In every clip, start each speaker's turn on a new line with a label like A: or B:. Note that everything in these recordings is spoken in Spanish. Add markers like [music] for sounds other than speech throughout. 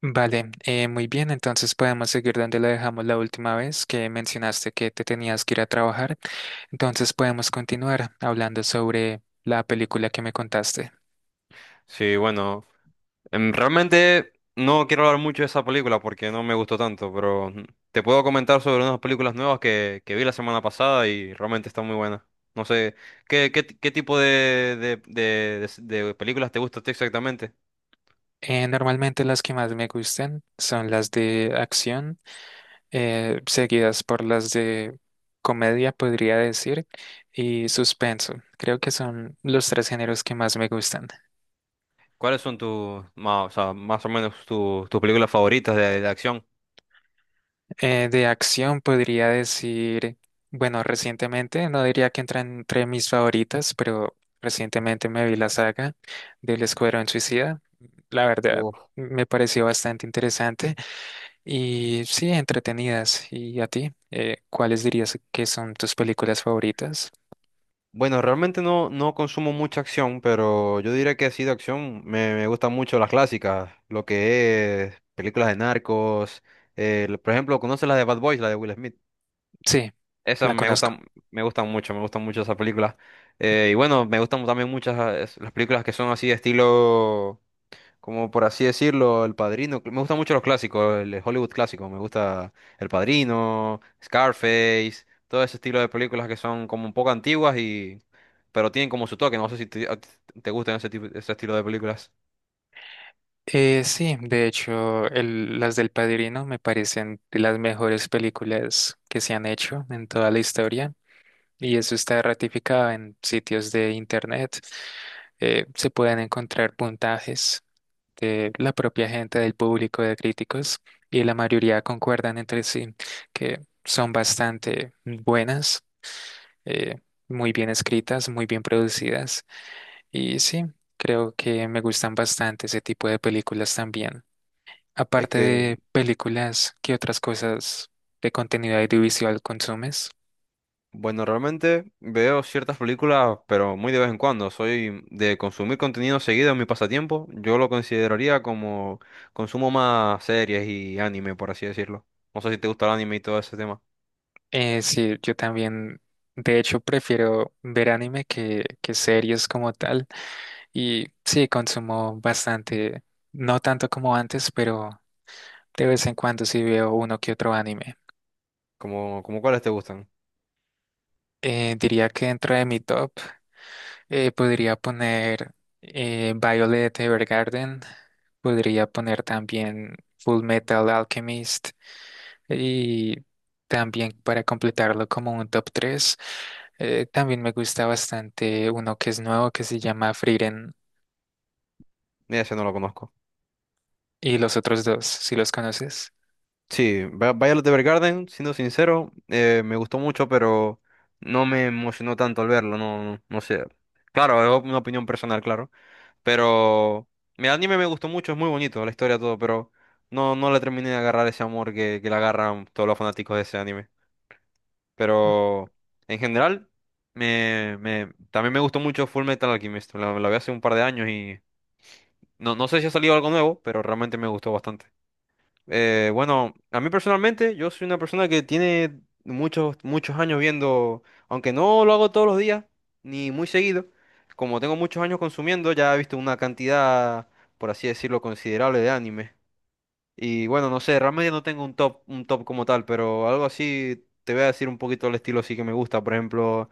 A: Vale, muy bien, entonces podemos seguir donde lo dejamos la última vez que mencionaste que te tenías que ir a trabajar. Entonces podemos continuar hablando sobre la película que me contaste.
B: Sí, bueno, realmente no quiero hablar mucho de esa película porque no me gustó tanto, pero te puedo comentar sobre unas películas nuevas que vi la semana pasada y realmente están muy buenas. No sé, ¿qué tipo de películas te gusta a ti exactamente?
A: Normalmente las que más me gustan son las de acción, seguidas por las de comedia, podría decir, y suspenso. Creo que son los tres géneros que más me gustan.
B: ¿Cuáles son más, o sea, más o menos tus películas favoritas de acción?
A: De acción podría decir, bueno, recientemente, no diría que entra entre mis favoritas, pero recientemente me vi la saga del Escuadrón Suicida. La verdad, me pareció bastante interesante y sí, entretenidas. ¿Y a ti? ¿Cuáles dirías que son tus películas favoritas?
B: Bueno, realmente no consumo mucha acción, pero yo diría que así de acción me gustan mucho las clásicas, lo que es películas de narcos, por ejemplo, ¿conoces la de Bad Boys, la de Will Smith?
A: Sí,
B: Esas
A: la conozco.
B: me gustan mucho esas películas. Y bueno, me gustan también muchas las películas que son así de estilo, como por así decirlo, El Padrino. Me gustan mucho los clásicos, el Hollywood clásico. Me gusta El Padrino, Scarface, todo ese estilo de películas que son como un poco antiguas, pero tienen como su toque. No sé si a ti te gustan ese tipo, ese estilo de películas.
A: Sí, de hecho, las del Padrino me parecen de las mejores películas que se han hecho en toda la historia, y eso está ratificado en sitios de internet. Se pueden encontrar puntajes de la propia gente, del público, de críticos, y la mayoría concuerdan entre sí que son bastante buenas, eh, muy bien escritas, muy bien producidas, y sí, creo que me gustan bastante ese tipo de películas también.
B: Es
A: Aparte
B: que,
A: de películas, ¿qué otras cosas de contenido audiovisual consumes?
B: bueno, realmente veo ciertas películas, pero muy de vez en cuando. Soy de consumir contenido seguido en mi pasatiempo. Yo lo consideraría como consumo más series y anime, por así decirlo. No sé si te gusta el anime y todo ese tema.
A: Sí, yo también, de hecho, prefiero ver anime que series como tal. Y sí, consumo bastante, no tanto como antes, pero de vez en cuando sí veo uno que otro anime.
B: Como cuáles te gustan.
A: Diría que dentro de mi top. Podría poner Violet Evergarden, podría poner también Full Metal Alchemist, y también para completarlo como un top tres, también me gusta bastante uno que es nuevo que se llama Frieren,
B: Mira, ese no lo conozco.
A: y los otros dos, si los conoces.
B: Sí, Violet Evergarden, siendo sincero, me gustó mucho, pero no me emocionó tanto al verlo, no sé. Claro, es una opinión personal, claro. Pero el anime me gustó mucho, es muy bonito, la historia, todo, pero no le terminé de agarrar ese amor que le agarran todos los fanáticos de ese anime. Pero en general, también me gustó mucho Full Metal Alchemist, la vi hace un par de años y no sé si ha salido algo nuevo, pero realmente me gustó bastante. Bueno, a mí personalmente, yo soy una persona que tiene muchos, muchos años viendo, aunque no lo hago todos los días, ni muy seguido, como tengo muchos años consumiendo, ya he visto una cantidad, por así decirlo, considerable de anime. Y bueno, no sé, realmente no tengo un top como tal, pero algo así te voy a decir un poquito el estilo sí que me gusta. Por ejemplo,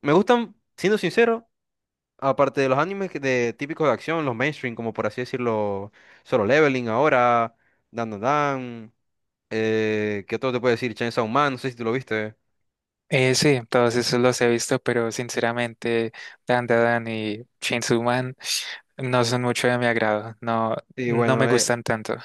B: me gustan, siendo sincero, aparte de los animes de típicos de acción, los mainstream, como por así decirlo, Solo Leveling ahora, Dan Dan Dan. ¿Qué otro te puedo decir? Chainsaw Man, no sé si tú lo viste.
A: Sí, todos esos los he visto, pero sinceramente, Dandadan y Chainsaw Man no son mucho de mi agrado, no,
B: Sí,
A: no me
B: bueno,
A: gustan tanto.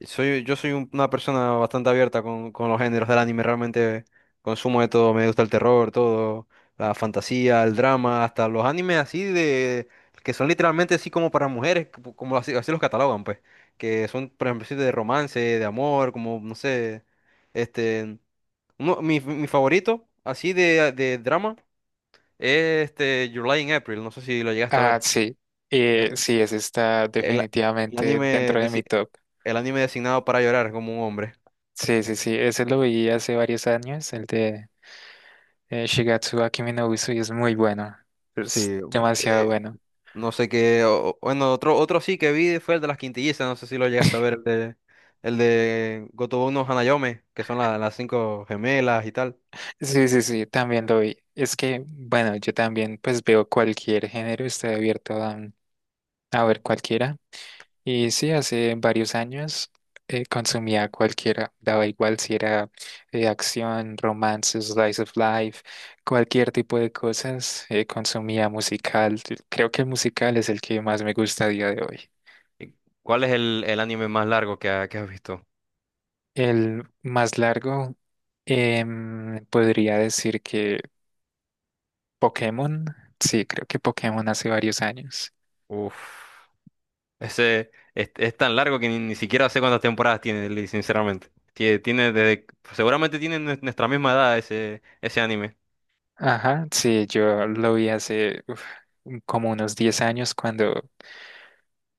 B: yo soy una persona bastante abierta con los géneros del anime. Realmente consumo de todo, me gusta el terror, todo, la fantasía, el drama, hasta los animes así de, que son literalmente así como para mujeres, como así los catalogan, pues, que son, por ejemplo, así de romance, de amor, como, no sé, este, mi favorito, así de drama, es este, Your Lie in April, no sé si lo llegaste a
A: Ah,
B: ver.
A: sí, sí, ese está
B: El, el
A: definitivamente
B: anime
A: dentro de mi
B: desi-
A: top.
B: el anime designado para llorar como un hombre.
A: Sí, sí, sí, ese lo vi hace varios años, el de Shigatsu wa Kimi no Uso, y es muy bueno, es
B: Sí,
A: demasiado
B: eh,
A: bueno.
B: no sé qué. Bueno, otro sí que vi fue el de las quintillizas. No sé si lo llegaste a ver. El de Gotobu no Hanayome, que son las cinco gemelas y tal.
A: Sí, sí, sí, también lo vi. Es que, bueno, yo también pues veo cualquier género, estoy abierto a ver cualquiera. Y sí, hace varios años consumía cualquiera, daba igual si era acción, romance, slice of life, cualquier tipo de cosas, consumía musical. Creo que el musical es el que más me gusta a día de hoy.
B: ¿Y ¿Cuál es el anime más largo que has visto?
A: El más largo, podría decir que Pokémon, sí, creo que Pokémon hace varios años.
B: Uf. Ese es tan largo que ni siquiera sé cuántas temporadas tiene, Lee, sinceramente. Seguramente tiene nuestra misma edad ese anime.
A: Ajá, sí, yo lo vi hace uf, como unos 10 años cuando...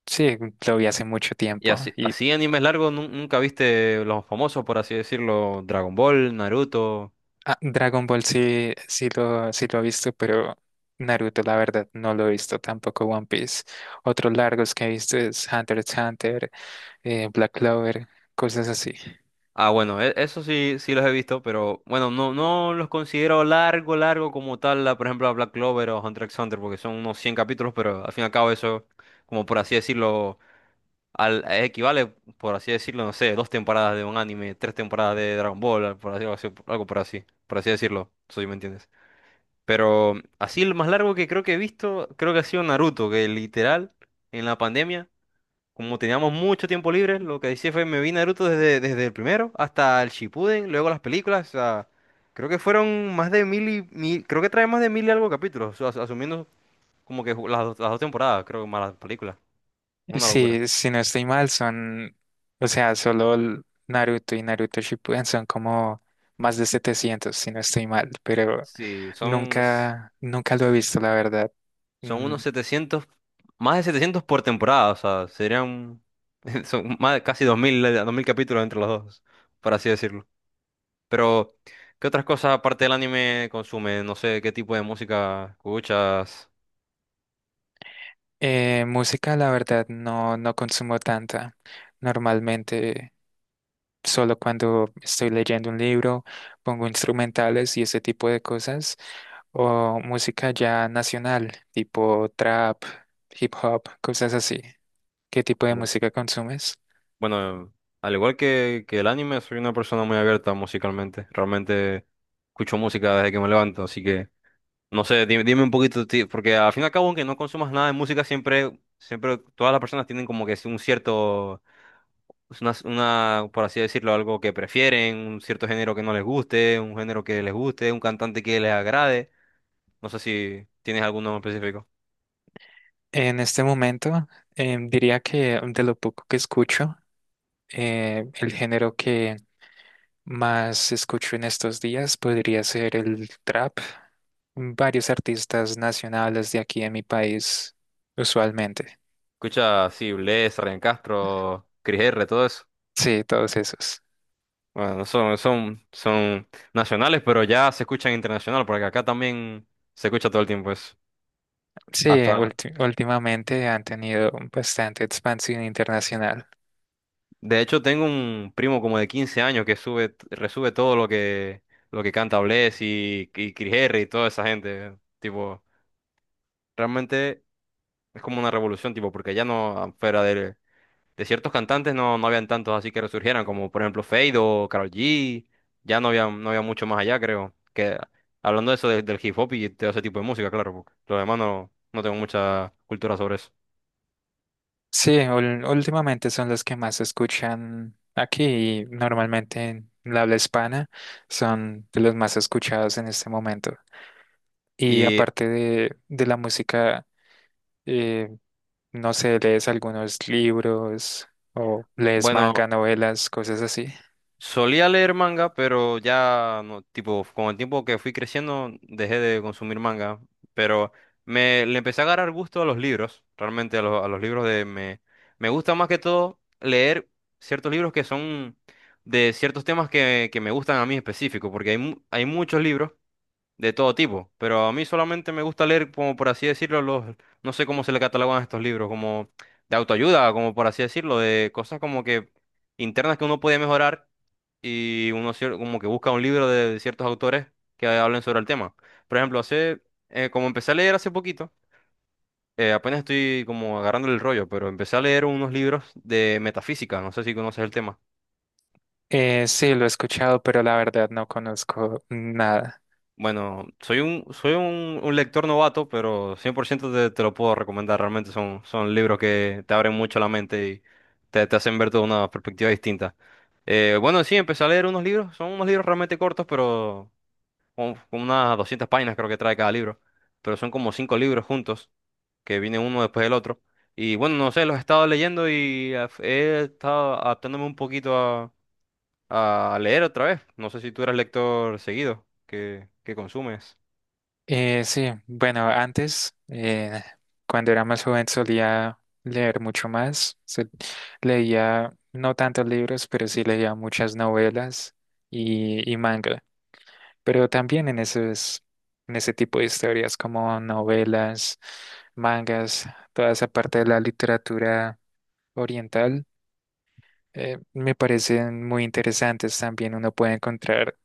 A: Sí, lo vi hace mucho
B: Y
A: tiempo.
B: así,
A: Y
B: así animes largos, nunca viste los famosos, por así decirlo, Dragon Ball, Naruto.
A: Ah, Dragon Ball sí, sí lo he visto, pero Naruto, la verdad, no lo he visto, tampoco One Piece. Otros largos que he visto es Hunter x Hunter, Black Clover, cosas así.
B: Ah, bueno, eso sí, sí los he visto, pero bueno, no los considero largo, largo como tal, por ejemplo, a Black Clover o Hunter x Hunter, porque son unos 100 capítulos, pero al fin y al cabo eso, como por así decirlo, equivale, por así decirlo, no sé, dos temporadas de un anime, tres temporadas de Dragon Ball, por así, algo por así decirlo, si me entiendes. Pero así lo más largo que creo que he visto, creo que ha sido Naruto, que literal en la pandemia, como teníamos mucho tiempo libre, lo que hice fue me vi Naruto desde el primero hasta el Shippuden, luego las películas, o sea, creo que fueron más de mil y mil, creo que trae más de mil y algo capítulos, asumiendo como que las dos temporadas, creo que más las películas,
A: Y
B: una locura.
A: Sí, si no estoy mal, son, o sea, solo el Naruto y Naruto Shippuden son como más de 700 si no estoy mal, pero
B: Sí, son,
A: nunca, nunca lo he visto, la verdad.
B: Son
A: Mm,
B: unos 700, más de 700 por temporada, o sea, serían [laughs] son más de casi 2000, 2000 capítulos entre los dos, por así decirlo. Pero, ¿qué otras cosas aparte del anime consumes? No sé, ¿qué tipo de música escuchas?
A: música, la verdad, no, no consumo tanta. Normalmente, solo cuando estoy leyendo un libro, pongo instrumentales y ese tipo de cosas, o música ya nacional, tipo trap, hip hop, cosas así. ¿Qué tipo de
B: Como-
A: música consumes?
B: Bueno, al igual que el anime, soy una persona muy abierta musicalmente. Realmente escucho música desde que me levanto, así que, no sé, dime un poquito, porque al fin y al cabo, aunque no consumas nada de música, siempre todas las personas tienen como que un cierto. Es una, por así decirlo, algo que prefieren, un cierto género que no les guste, un género que les guste, un cantante que les agrade. No sé si tienes alguno en específico.
A: En este momento, diría que de lo poco que escucho, el género que más escucho en estos días podría ser el trap. Varios artistas nacionales de aquí en mi país, usualmente.
B: Escucha, sí, Bless, Ryan Castro, Cris R, todo eso.
A: Sí, todos esos.
B: Bueno, son nacionales, pero ya se escuchan internacional, porque acá también se escucha todo el tiempo eso.
A: Sí,
B: Hasta,
A: últimamente han tenido bastante expansión internacional.
B: de hecho, tengo un primo como de 15 años que resube todo lo que canta Bless y Cris R y toda esa gente. Tipo, realmente. Es como una revolución, tipo, porque ya no, fuera de ciertos cantantes, no habían tantos así que resurgieran, como por ejemplo Fade o Karol G. Ya no había mucho más allá, creo. Que hablando de eso del hip hop y todo ese tipo de música, claro, porque lo demás no tengo mucha cultura sobre eso.
A: Sí, últimamente son los que más se escuchan aquí y normalmente en la habla hispana son de los más escuchados en este momento. Y
B: Y
A: aparte de la música, eh, no sé, lees algunos libros o lees
B: bueno,
A: manga, novelas, cosas así.
B: solía leer manga, pero ya no, tipo, con el tiempo que fui creciendo dejé de consumir manga, pero me le empecé a agarrar gusto a los libros, realmente a los libros. De me me gusta más que todo leer ciertos libros que son de ciertos temas que me gustan a mí específico, porque hay muchos libros de todo tipo, pero a mí solamente me gusta leer, como por así decirlo, los, no sé cómo se le catalogan estos libros, como de autoayuda, como por así decirlo, de cosas como que internas que uno puede mejorar y como que busca un libro de ciertos autores que hablen sobre el tema. Por ejemplo, como empecé a leer hace poquito, apenas estoy como agarrando el rollo, pero empecé a leer unos libros de metafísica, no sé si conoces el tema.
A: Sí, lo he escuchado, pero la verdad no conozco nada.
B: Bueno, soy un, soy un lector novato, pero 100% te lo puedo recomendar. Realmente son libros que te abren mucho la mente y te hacen ver toda una perspectiva distinta. Bueno, sí, empecé a leer unos libros. Son unos libros realmente cortos, pero con unas 200 páginas creo que trae cada libro. Pero son como cinco libros juntos, que vienen uno después del otro. Y bueno, no sé, los he estado leyendo y he estado adaptándome un poquito a leer otra vez. No sé si tú eres lector seguido, que consumes.
A: Sí, bueno, antes, cuando era más joven, solía leer mucho más. Leía no tantos libros, pero sí leía muchas novelas y manga. Pero también en esos, en ese tipo de historias como novelas, mangas, toda esa parte de la literatura oriental, me parecen muy interesantes también. Uno puede encontrar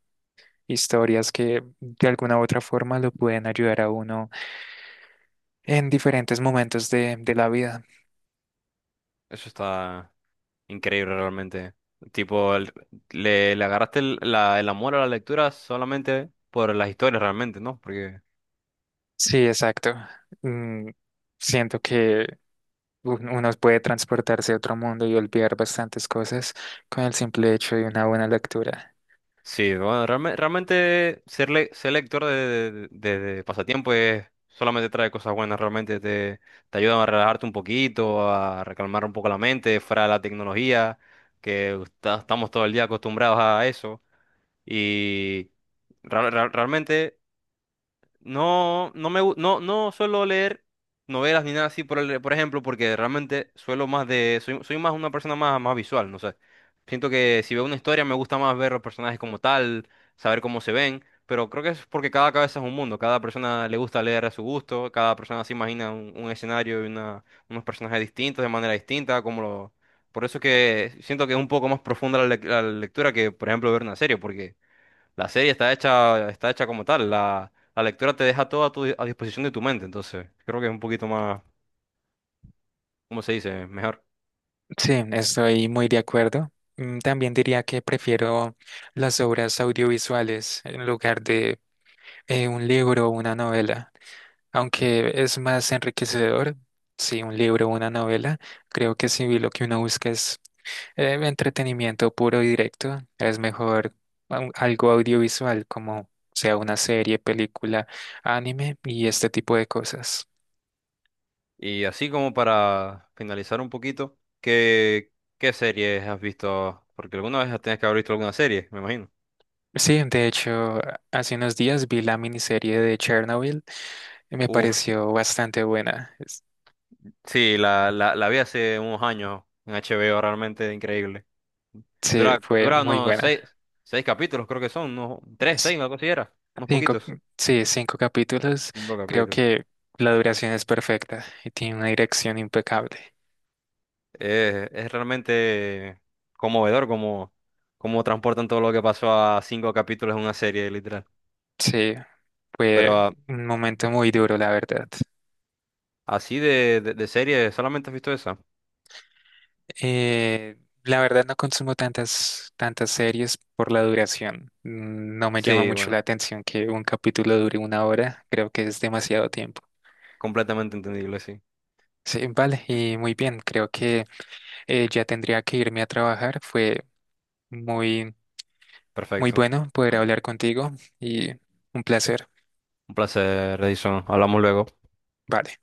A: historias que de alguna u otra forma lo pueden ayudar a uno en diferentes momentos de la vida.
B: Eso está increíble realmente. Tipo, le agarraste el amor a la lectura solamente por las historias realmente, ¿no? Porque
A: Sí, exacto. Mm, siento que uno puede transportarse a otro mundo y olvidar bastantes cosas con el simple hecho de una buena lectura.
B: sí, bueno, realmente ser lector de pasatiempo es, solamente trae cosas buenas, realmente te ayuda a relajarte un poquito, a recalmar un poco la mente fuera de la tecnología, que estamos todo el día acostumbrados a eso. Y real- real- realmente... No, no me, gu- no, no suelo leer novelas ni nada así por por ejemplo, porque realmente suelo más de, soy, soy más una persona más visual, no sé. Siento que si veo una historia me gusta más ver los personajes como tal, saber cómo se ven, pero creo que es porque cada cabeza es un mundo, cada persona le gusta leer a su gusto, cada persona se imagina un escenario y unos personajes distintos de manera distinta, por eso es que siento que es un poco más profunda la lectura que, por ejemplo, ver una serie, porque la serie está hecha como tal. La lectura te deja todo a disposición de tu mente. Entonces, creo que es un poquito más, ¿cómo se dice? Mejor.
A: Sí, estoy muy de acuerdo. Mm, también diría que prefiero las obras audiovisuales en lugar de un libro o una novela. Aunque es más enriquecedor, sí, un libro o una novela, creo que si lo que uno busca es entretenimiento puro y directo, es mejor algo audiovisual como sea una serie, película, anime y este tipo de cosas.
B: Y así como para finalizar un poquito, ¿qué series has visto? Porque alguna vez tienes que haber visto alguna serie, me imagino.
A: Sí, de hecho, hace unos días vi la miniserie de Chernobyl y me
B: Uf,
A: pareció bastante buena. Es-
B: sí, la vi hace unos años en HBO, realmente increíble.
A: Sí,
B: Dura,
A: fue
B: dura
A: muy
B: unos
A: buena.
B: seis capítulos, creo que son, unos tres, seis, algo así era unos
A: Cinco,
B: poquitos.
A: sí, cinco capítulos.
B: Cinco
A: Creo
B: capítulos.
A: que la duración es perfecta y tiene una dirección impecable.
B: Es realmente conmovedor como transportan todo lo que pasó a cinco capítulos en una serie, literal.
A: Sí,
B: Pero
A: fue un momento muy duro, la verdad.
B: así de serie, ¿solamente has visto esa?
A: Eh, la verdad no consumo tantas, tantas series por la duración. Mm, no me llama
B: Sí,
A: mucho la
B: bueno,
A: atención que un capítulo dure una hora. Creo que es demasiado tiempo.
B: completamente entendible, sí.
A: Sí, vale, y muy bien. Creo que ya tendría que irme a trabajar. Fue muy, muy
B: Perfecto.
A: bueno poder hablar contigo, y un placer.
B: Un placer, Edison. Hablamos luego.
A: Vale.